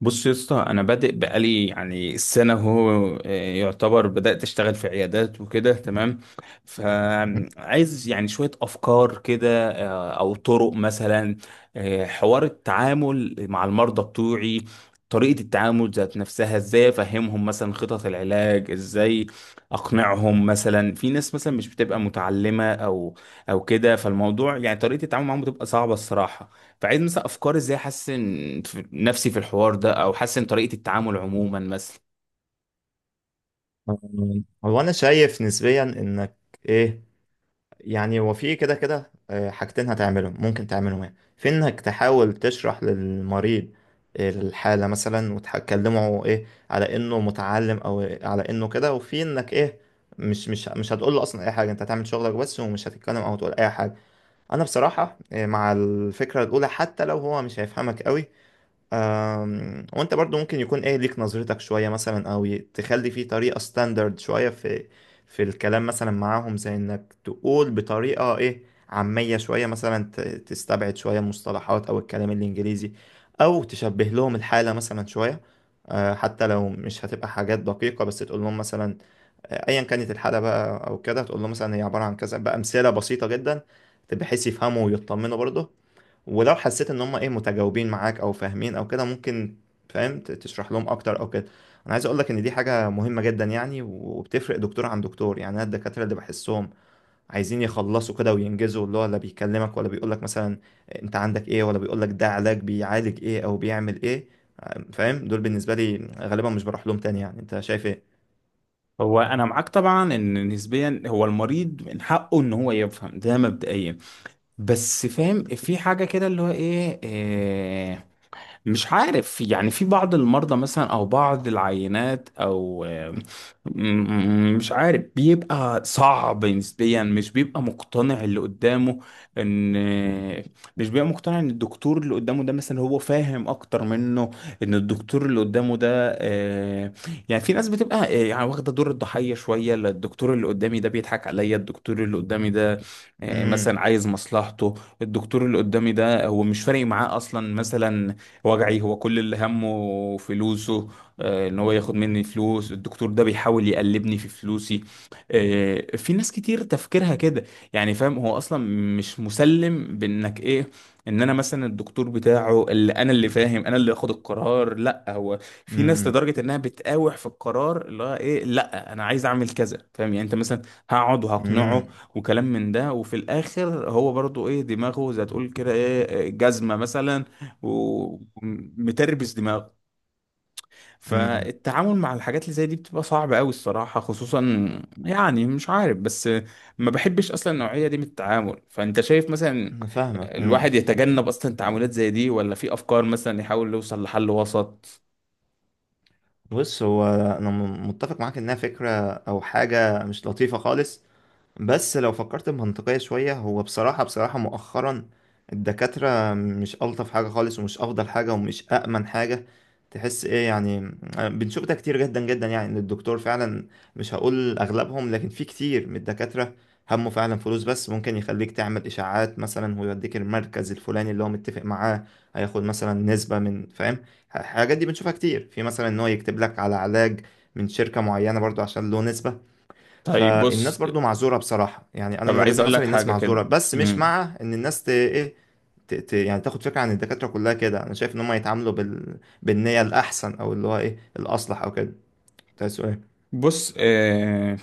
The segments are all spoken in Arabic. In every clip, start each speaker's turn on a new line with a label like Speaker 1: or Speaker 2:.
Speaker 1: بص يا اسطى، انا بادئ بقالي يعني سنه. هو يعتبر بدات اشتغل في عيادات وكده، تمام. فعايز يعني شويه افكار كده، او طرق مثلا. حوار التعامل مع المرضى بتوعي، طريقه التعامل ذات نفسها، ازاي افهمهم مثلا خطط العلاج، ازاي اقنعهم مثلا. في ناس مثلا مش بتبقى متعلمه او كده، فالموضوع يعني طريقه التعامل معاهم بتبقى صعبه الصراحه. فعايز مثلا افكار ازاي احسن، نفسي في الحوار ده، او احسن طريقة التعامل عموما مثلا.
Speaker 2: هو انا شايف نسبيا انك ايه، يعني هو في كده كده حاجتين هتعملهم ممكن تعملهم، يعني في انك تحاول تشرح للمريض الحالة مثلا وتكلمه ايه على انه متعلم او على انه كده، وفي انك ايه مش هتقول له اصلا اي حاجة، انت هتعمل شغلك بس ومش هتتكلم او تقول اي حاجة. انا بصراحة مع الفكرة الاولى حتى لو هو مش هيفهمك قوي. وانت برضو ممكن يكون ايه ليك نظرتك شوية مثلا، او تخلي فيه طريقة ستاندرد شوية في الكلام مثلا معاهم، زي انك تقول بطريقة ايه عامية شوية، مثلا تستبعد شوية المصطلحات او الكلام الانجليزي، او تشبه لهم الحالة مثلا شوية. حتى لو مش هتبقى حاجات دقيقة بس تقول لهم مثلا. ايا كانت الحالة بقى او كده، تقول لهم مثلا هي عبارة عن كذا بأمثلة بسيطة جدا بحيث يفهموا ويطمنوا برضه. ولو حسيت ان هم ايه متجاوبين معاك او فاهمين او كده، ممكن فاهم تشرح لهم اكتر او كده. انا عايز اقول لك ان دي حاجه مهمه جدا يعني، وبتفرق دكتور عن دكتور. يعني انا الدكاتره اللي بحسهم عايزين يخلصوا كده وينجزوا، اللي هو لا بيكلمك ولا بيقول لك مثلا انت عندك ايه، ولا بيقول لك ده علاج بيعالج ايه او بيعمل ايه، فاهم، دول بالنسبه لي غالبا مش بروح لهم تاني. يعني انت شايف ايه؟
Speaker 1: هو انا معاك طبعا، ان نسبيا هو المريض من حقه ان هو يفهم ده مبدئيا، بس فاهم في حاجة كده اللي هو إيه، مش عارف، يعني في بعض المرضى مثلا او بعض العينات، او مش عارف، بيبقى صعب نسبيا، مش بيبقى مقتنع اللي قدامه ان، مش بيبقى مقتنع ان الدكتور اللي قدامه ده مثلا هو فاهم اكتر منه، ان الدكتور اللي قدامه ده آه، يعني في ناس بتبقى، يعني واخده دور الضحيه شويه، لا الدكتور اللي قدامي ده بيضحك عليا، الدكتور اللي قدامي ده،
Speaker 2: امم.
Speaker 1: مثلا عايز مصلحته، الدكتور اللي قدامي ده هو مش فارق معاه اصلا مثلا وجعي، هو كل اللي همه فلوسه، ان هو ياخد مني فلوس، الدكتور ده بيحاول يقلبني في فلوسي، في ناس كتير تفكيرها كده. يعني فاهم، هو اصلا مش مسلم بانك ايه، ان انا مثلا الدكتور بتاعه، اللي انا اللي فاهم، انا اللي اخد القرار لا هو. في ناس
Speaker 2: امم.
Speaker 1: لدرجة انها بتقاوح في القرار، اللي هو ايه، لا انا عايز اعمل كذا، فاهم يعني انت مثلا، هقعد وهقنعه
Speaker 2: امم.
Speaker 1: وكلام من ده، وفي الاخر هو برضو ايه، دماغه زي تقول كده ايه، جزمة مثلا، ومتربس دماغه.
Speaker 2: امم. إمم.
Speaker 1: فالتعامل مع الحاجات اللي زي دي بتبقى صعبة قوي الصراحة، خصوصا يعني مش عارف. بس ما بحبش اصلا النوعية دي من التعامل، فانت شايف مثلا
Speaker 2: انا فاهمك. إمم.
Speaker 1: الواحد يتجنب اصلا تعاملات زي دي، ولا في افكار مثلا يحاول يوصل لحل وسط؟
Speaker 2: بص، هو انا متفق معاك انها فكره او حاجه مش لطيفه خالص. بس لو فكرت بمنطقية شوية، هو بصراحة بصراحة مؤخرا الدكاترة مش ألطف حاجة خالص ومش أفضل حاجة ومش أأمن حاجة تحس إيه، يعني بنشوف ده كتير جدا جدا، يعني إن الدكتور فعلا، مش هقول أغلبهم، لكن في كتير من الدكاترة همه فعلا فلوس بس. ممكن يخليك تعمل إشاعات مثلا ويوديك المركز الفلاني اللي هو متفق معاه، هياخد مثلا نسبة من، فاهم، الحاجات دي بنشوفها كتير في، مثلا إن هو يكتب لك على علاج من شركة معينة برضو عشان له نسبة.
Speaker 1: طيب
Speaker 2: فالناس
Speaker 1: بص،
Speaker 2: برضو معذوره بصراحه، يعني انا
Speaker 1: طب
Speaker 2: من
Speaker 1: عايز
Speaker 2: وجهه
Speaker 1: اقول لك
Speaker 2: نظري الناس
Speaker 1: حاجة كده.
Speaker 2: معذوره، بس مش
Speaker 1: مم.
Speaker 2: مع ان الناس ت... ايه ت... ت... يعني تاخد فكره عن الدكاتره كلها كده. انا شايف ان هم يتعاملوا بالنيه الاحسن، او اللي هو ايه الاصلح او كده. ده سؤال.
Speaker 1: بص،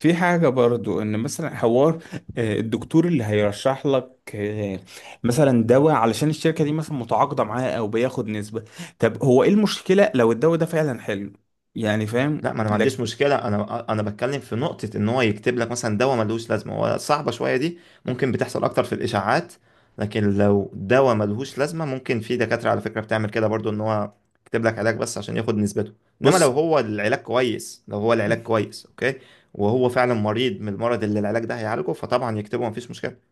Speaker 1: في حاجة برضو، ان مثلا حوار، الدكتور اللي هيرشح لك، مثلا دواء علشان الشركة دي مثلا متعاقدة معاه او بياخد نسبة. طب هو ايه المشكلة لو الدواء ده فعلا حلو؟ يعني فاهم
Speaker 2: لا، ما انا ما عنديش
Speaker 1: لك.
Speaker 2: مشكله، انا بتكلم في نقطه ان هو يكتب لك مثلا دواء ملهوش لازمه، هو صعبه شويه دي، ممكن بتحصل اكتر في الاشاعات. لكن لو دواء ملهوش لازمه، ممكن في دكاتره على فكره بتعمل كده برضو، ان هو يكتب لك علاج بس عشان ياخد نسبته. انما
Speaker 1: بص،
Speaker 2: لو هو العلاج كويس، لو هو العلاج كويس، اوكي، وهو فعلا مريض من المرض اللي العلاج ده هيعالجه، فطبعا يكتبه مفيش مشكله.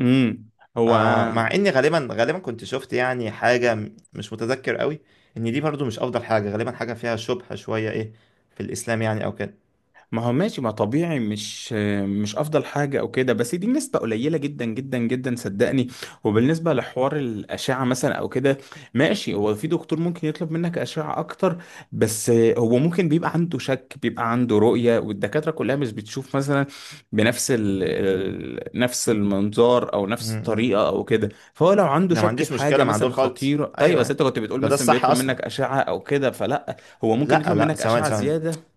Speaker 1: امم هو
Speaker 2: مع اني غالبا غالبا كنت شفت يعني حاجه مش متذكر قوي، ان دي برضو مش افضل حاجه، غالبا حاجه فيها شبهه شويه ايه في الاسلام يعني او كده.
Speaker 1: ما هو ماشي، ما طبيعي، مش افضل حاجه او كده، بس دي نسبه قليله جدا جدا جدا، صدقني. وبالنسبه لحوار الاشعه مثلا او كده، ماشي، هو في دكتور ممكن يطلب منك اشعه اكتر، بس هو ممكن بيبقى عنده شك، بيبقى عنده رؤيه، والدكاتره كلها مش بتشوف مثلا بنفس نفس المنظار، او نفس
Speaker 2: امم.
Speaker 1: الطريقه او كده. فهو لو عنده
Speaker 2: انا ما
Speaker 1: شك
Speaker 2: عنديش
Speaker 1: في حاجه
Speaker 2: مشكله مع
Speaker 1: مثلا
Speaker 2: دول خالص،
Speaker 1: خطيره، طيب،
Speaker 2: ايوه،
Speaker 1: بس
Speaker 2: ايوه.
Speaker 1: انت كنت بتقول
Speaker 2: ده
Speaker 1: مثلا
Speaker 2: الصح
Speaker 1: بيطلب
Speaker 2: اصلا.
Speaker 1: منك اشعه او كده، فلا، هو ممكن
Speaker 2: لا،
Speaker 1: يطلب
Speaker 2: لا،
Speaker 1: منك
Speaker 2: ثواني،
Speaker 1: اشعه
Speaker 2: ثواني.
Speaker 1: زياده.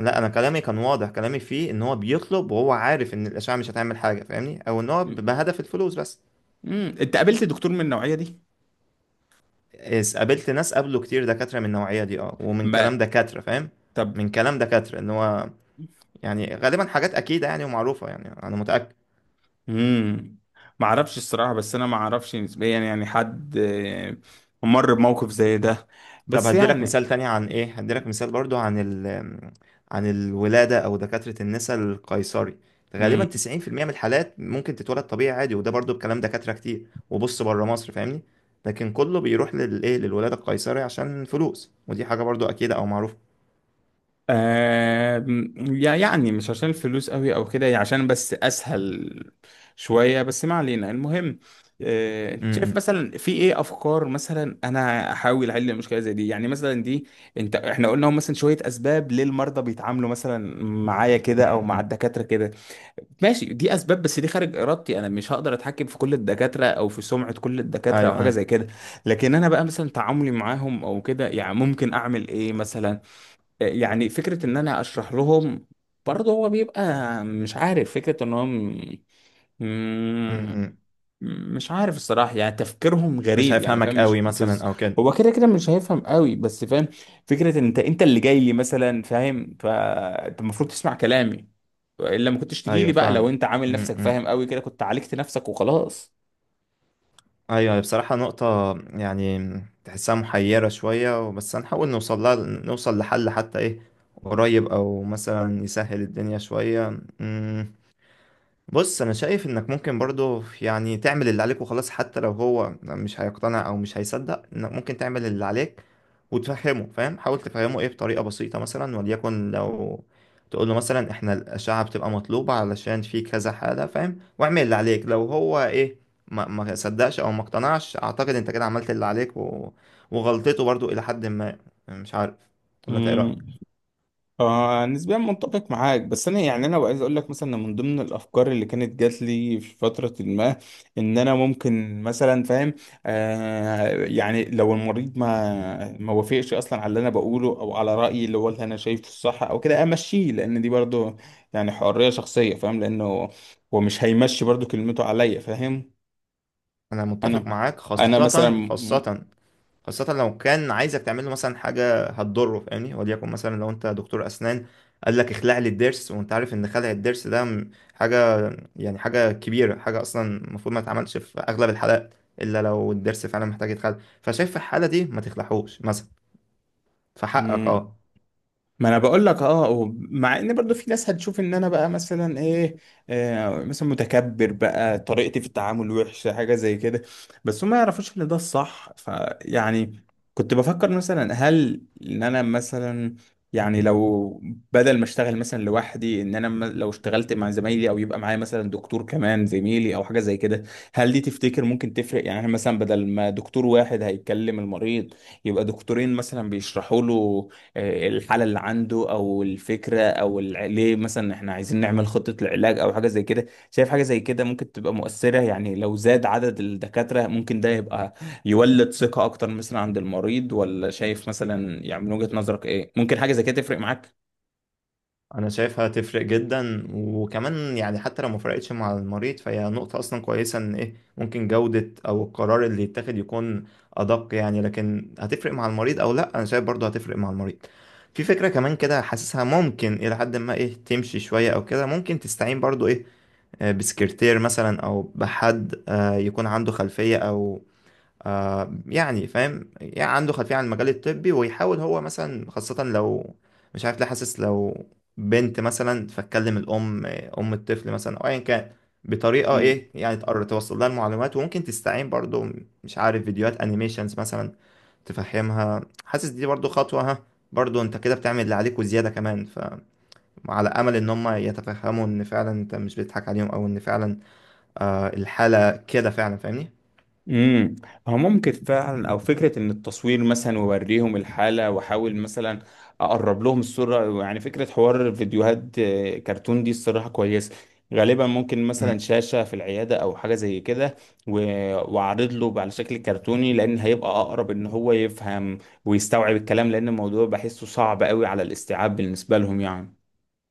Speaker 2: لا، انا كلامي كان واضح. كلامي فيه ان هو بيطلب وهو عارف ان الاشعه مش هتعمل حاجه، فاهمني، او ان هو بهدف الفلوس بس.
Speaker 1: انت قابلت دكتور من النوعيه دي؟
Speaker 2: قابلت ناس قابلوا كتير دكاتره من النوعيه دي، اه، ومن
Speaker 1: ما
Speaker 2: كلام دكاتره، فاهم،
Speaker 1: طب،
Speaker 2: من كلام دكاتره ان هو، يعني غالبا حاجات اكيده يعني ومعروفه يعني. انا متاكد.
Speaker 1: امم ما اعرفش الصراحه. بس انا ما اعرفش نسبيا، يعني حد مر بموقف زي ده.
Speaker 2: طب
Speaker 1: بس
Speaker 2: هدي لك
Speaker 1: يعني
Speaker 2: مثال تاني عن ايه، هدي لك مثال برضو عن عن الولادة او دكاترة النساء، القيصري غالبا
Speaker 1: امم
Speaker 2: 90% من الحالات ممكن تتولد طبيعي عادي. وده برضو بكلام دكاترة كتير وبص بره مصر، فاهمني، لكن كله بيروح للايه، للولادة القيصري، عشان فلوس. ودي حاجة برضو اكيدة او معروفة.
Speaker 1: آه يعني مش عشان الفلوس قوي او كده، يعني عشان بس اسهل شويه. بس ما علينا، المهم، انت شايف
Speaker 2: امم.
Speaker 1: مثلا في ايه افكار مثلا انا احاول احل المشكله زي دي؟ يعني مثلا دي، انت احنا قلنا هم مثلا شويه اسباب ليه المرضى بيتعاملوا مثلا معايا كده او مع
Speaker 2: امم.
Speaker 1: الدكاتره كده. ماشي دي اسباب، بس دي خارج ارادتي، انا مش هقدر اتحكم في كل الدكاتره او في سمعه كل الدكاتره او
Speaker 2: ايوه،
Speaker 1: حاجه
Speaker 2: ايوه.
Speaker 1: زي كده. لكن انا بقى مثلا تعاملي معاهم او كده، يعني ممكن اعمل ايه مثلا؟ يعني فكره ان انا اشرح لهم، برضه هو بيبقى مش عارف، فكره ان هم، مم،
Speaker 2: امم.
Speaker 1: مش عارف الصراحة، يعني تفكيرهم
Speaker 2: مش
Speaker 1: غريب يعني
Speaker 2: هيفهمك
Speaker 1: فاهم، مش
Speaker 2: قوي مثلا او كده.
Speaker 1: هو كده كده مش هيفهم قوي، بس فاهم فكرة ان انت اللي جاي لي مثلا، فاهم؟ فانت المفروض تسمع كلامي، الا ما كنتش تجي لي
Speaker 2: ايوه،
Speaker 1: بقى، لو
Speaker 2: فاهمك.
Speaker 1: انت عامل نفسك
Speaker 2: امم.
Speaker 1: فاهم قوي كده كنت عالجت نفسك وخلاص.
Speaker 2: ايوه. أيوة، بصراحة نقطة يعني تحسها محيرة شوية، بس هنحاول نوصل لحل حتى ايه قريب، او مثلا يسهل الدنيا شوية. بص، انا شايف انك ممكن برضو يعني تعمل اللي عليك وخلاص حتى لو هو مش هيقتنع، او مش هيصدق انك ممكن تعمل اللي عليك وتفهمه، فاهم، حاول تفهمه ايه بطريقة بسيطة مثلا. وليكن لو تقول له مثلا احنا الأشعة بتبقى مطلوبة علشان في كذا حالة، فاهم، واعمل اللي عليك. لو هو ايه ما صدقش او ما اقتنعش، اعتقد انت كده عملت اللي عليك، وغلطته برضو الى حد ما. مش عارف، ولا انت ايه رأيك؟
Speaker 1: نسبيا متفق معاك، بس انا يعني انا عايز اقول لك مثلا إن من ضمن الافكار اللي كانت جات لي في فتره ما، ان انا ممكن مثلا فاهم، يعني لو المريض ما وافقش اصلا على اللي انا بقوله او على رايي اللي هو اللي انا شايفه الصح او كده، امشيه، لان دي برضو يعني حريه شخصيه فاهم، لانه هو مش هيمشي برضو كلمته عليا، فاهم؟
Speaker 2: انا متفق
Speaker 1: انا
Speaker 2: معاك،
Speaker 1: انا مثلا،
Speaker 2: خاصة خاصة خاصة لو كان عايزك تعمل له مثلا حاجة هتضره، فاهمني، وليكن مثلا لو انت دكتور أسنان قال لك اخلع لي الضرس، وانت عارف ان خلع الضرس ده حاجة، يعني حاجة كبيرة، حاجة أصلا المفروض ما تتعملش في أغلب الحالات، إلا لو الضرس فعلا محتاج يتخلع. فشايف في الحالة دي ما تخلعهوش مثلا، فحقك، اه،
Speaker 1: ما انا بقول لك اه، مع ان برضو في ناس هتشوف ان انا بقى مثلا ايه، مثلا متكبر بقى، طريقتي في التعامل وحشه، حاجه زي كده. بس هم ما يعرفوش ان ده الصح، فيعني كنت بفكر مثلا، هل ان انا مثلا يعني، لو بدل ما اشتغل مثلا لوحدي، ان انا لو اشتغلت مع زمايلي، او يبقى معايا مثلا دكتور كمان زميلي او حاجه زي كده، هل دي تفتكر ممكن تفرق؟ يعني إحنا مثلا بدل ما دكتور واحد هيتكلم المريض، يبقى دكتورين مثلا بيشرحوا له الحالة اللي عنده، أو الفكرة، أو ليه مثلا إحنا عايزين نعمل خطة العلاج، أو حاجة زي كده. شايف حاجة زي كده ممكن تبقى مؤثرة؟ يعني لو زاد عدد الدكاترة ممكن ده يبقى يولد ثقة أكتر مثلا عند المريض، ولا شايف مثلا يعني من وجهة نظرك إيه؟ ممكن حاجة زي كده تفرق معاك؟
Speaker 2: انا شايفها تفرق جدا. وكمان يعني حتى لو ما فرقتش مع المريض، فهي نقطة اصلا كويسة ان ايه ممكن جودة او القرار اللي يتاخد يكون ادق. يعني لكن هتفرق مع المريض او لا، انا شايف برضو هتفرق مع المريض. في فكرة كمان كده حاسسها ممكن الى حد ما ايه تمشي شوية او كده، ممكن تستعين برضو ايه، بسكرتير مثلا او بحد يكون عنده خلفية، او يعني فاهم، يعني عنده خلفية عن المجال الطبي، ويحاول هو مثلا، خاصة لو مش عارف ليه، حاسس لو بنت مثلا، فتكلم أم الطفل مثلا، أو أيا كان، بطريقة إيه يعني تقرر توصل لها المعلومات. وممكن تستعين برضو مش عارف فيديوهات أنيميشنز مثلا تفهمها. حاسس دي برضو خطوة، ها، برضو أنت كده بتعمل اللي عليك وزيادة كمان، فعلى أمل إن هم يتفهموا إن فعلا أنت مش بتضحك عليهم، أو إن فعلا الحالة كده فعلا، فاهمني؟
Speaker 1: امم. هو ممكن فعلا، او فكره ان التصوير مثلا، ووريهم الحاله، واحاول مثلا اقرب لهم الصوره، يعني فكره حوار فيديوهات كرتون، دي الصراحه كويسه. غالبا ممكن مثلا شاشه في العياده او حاجه زي كده، و- واعرض له على شكل كرتوني، لان هيبقى اقرب ان هو يفهم ويستوعب الكلام، لان الموضوع بحسه صعب قوي على الاستيعاب بالنسبه لهم يعني.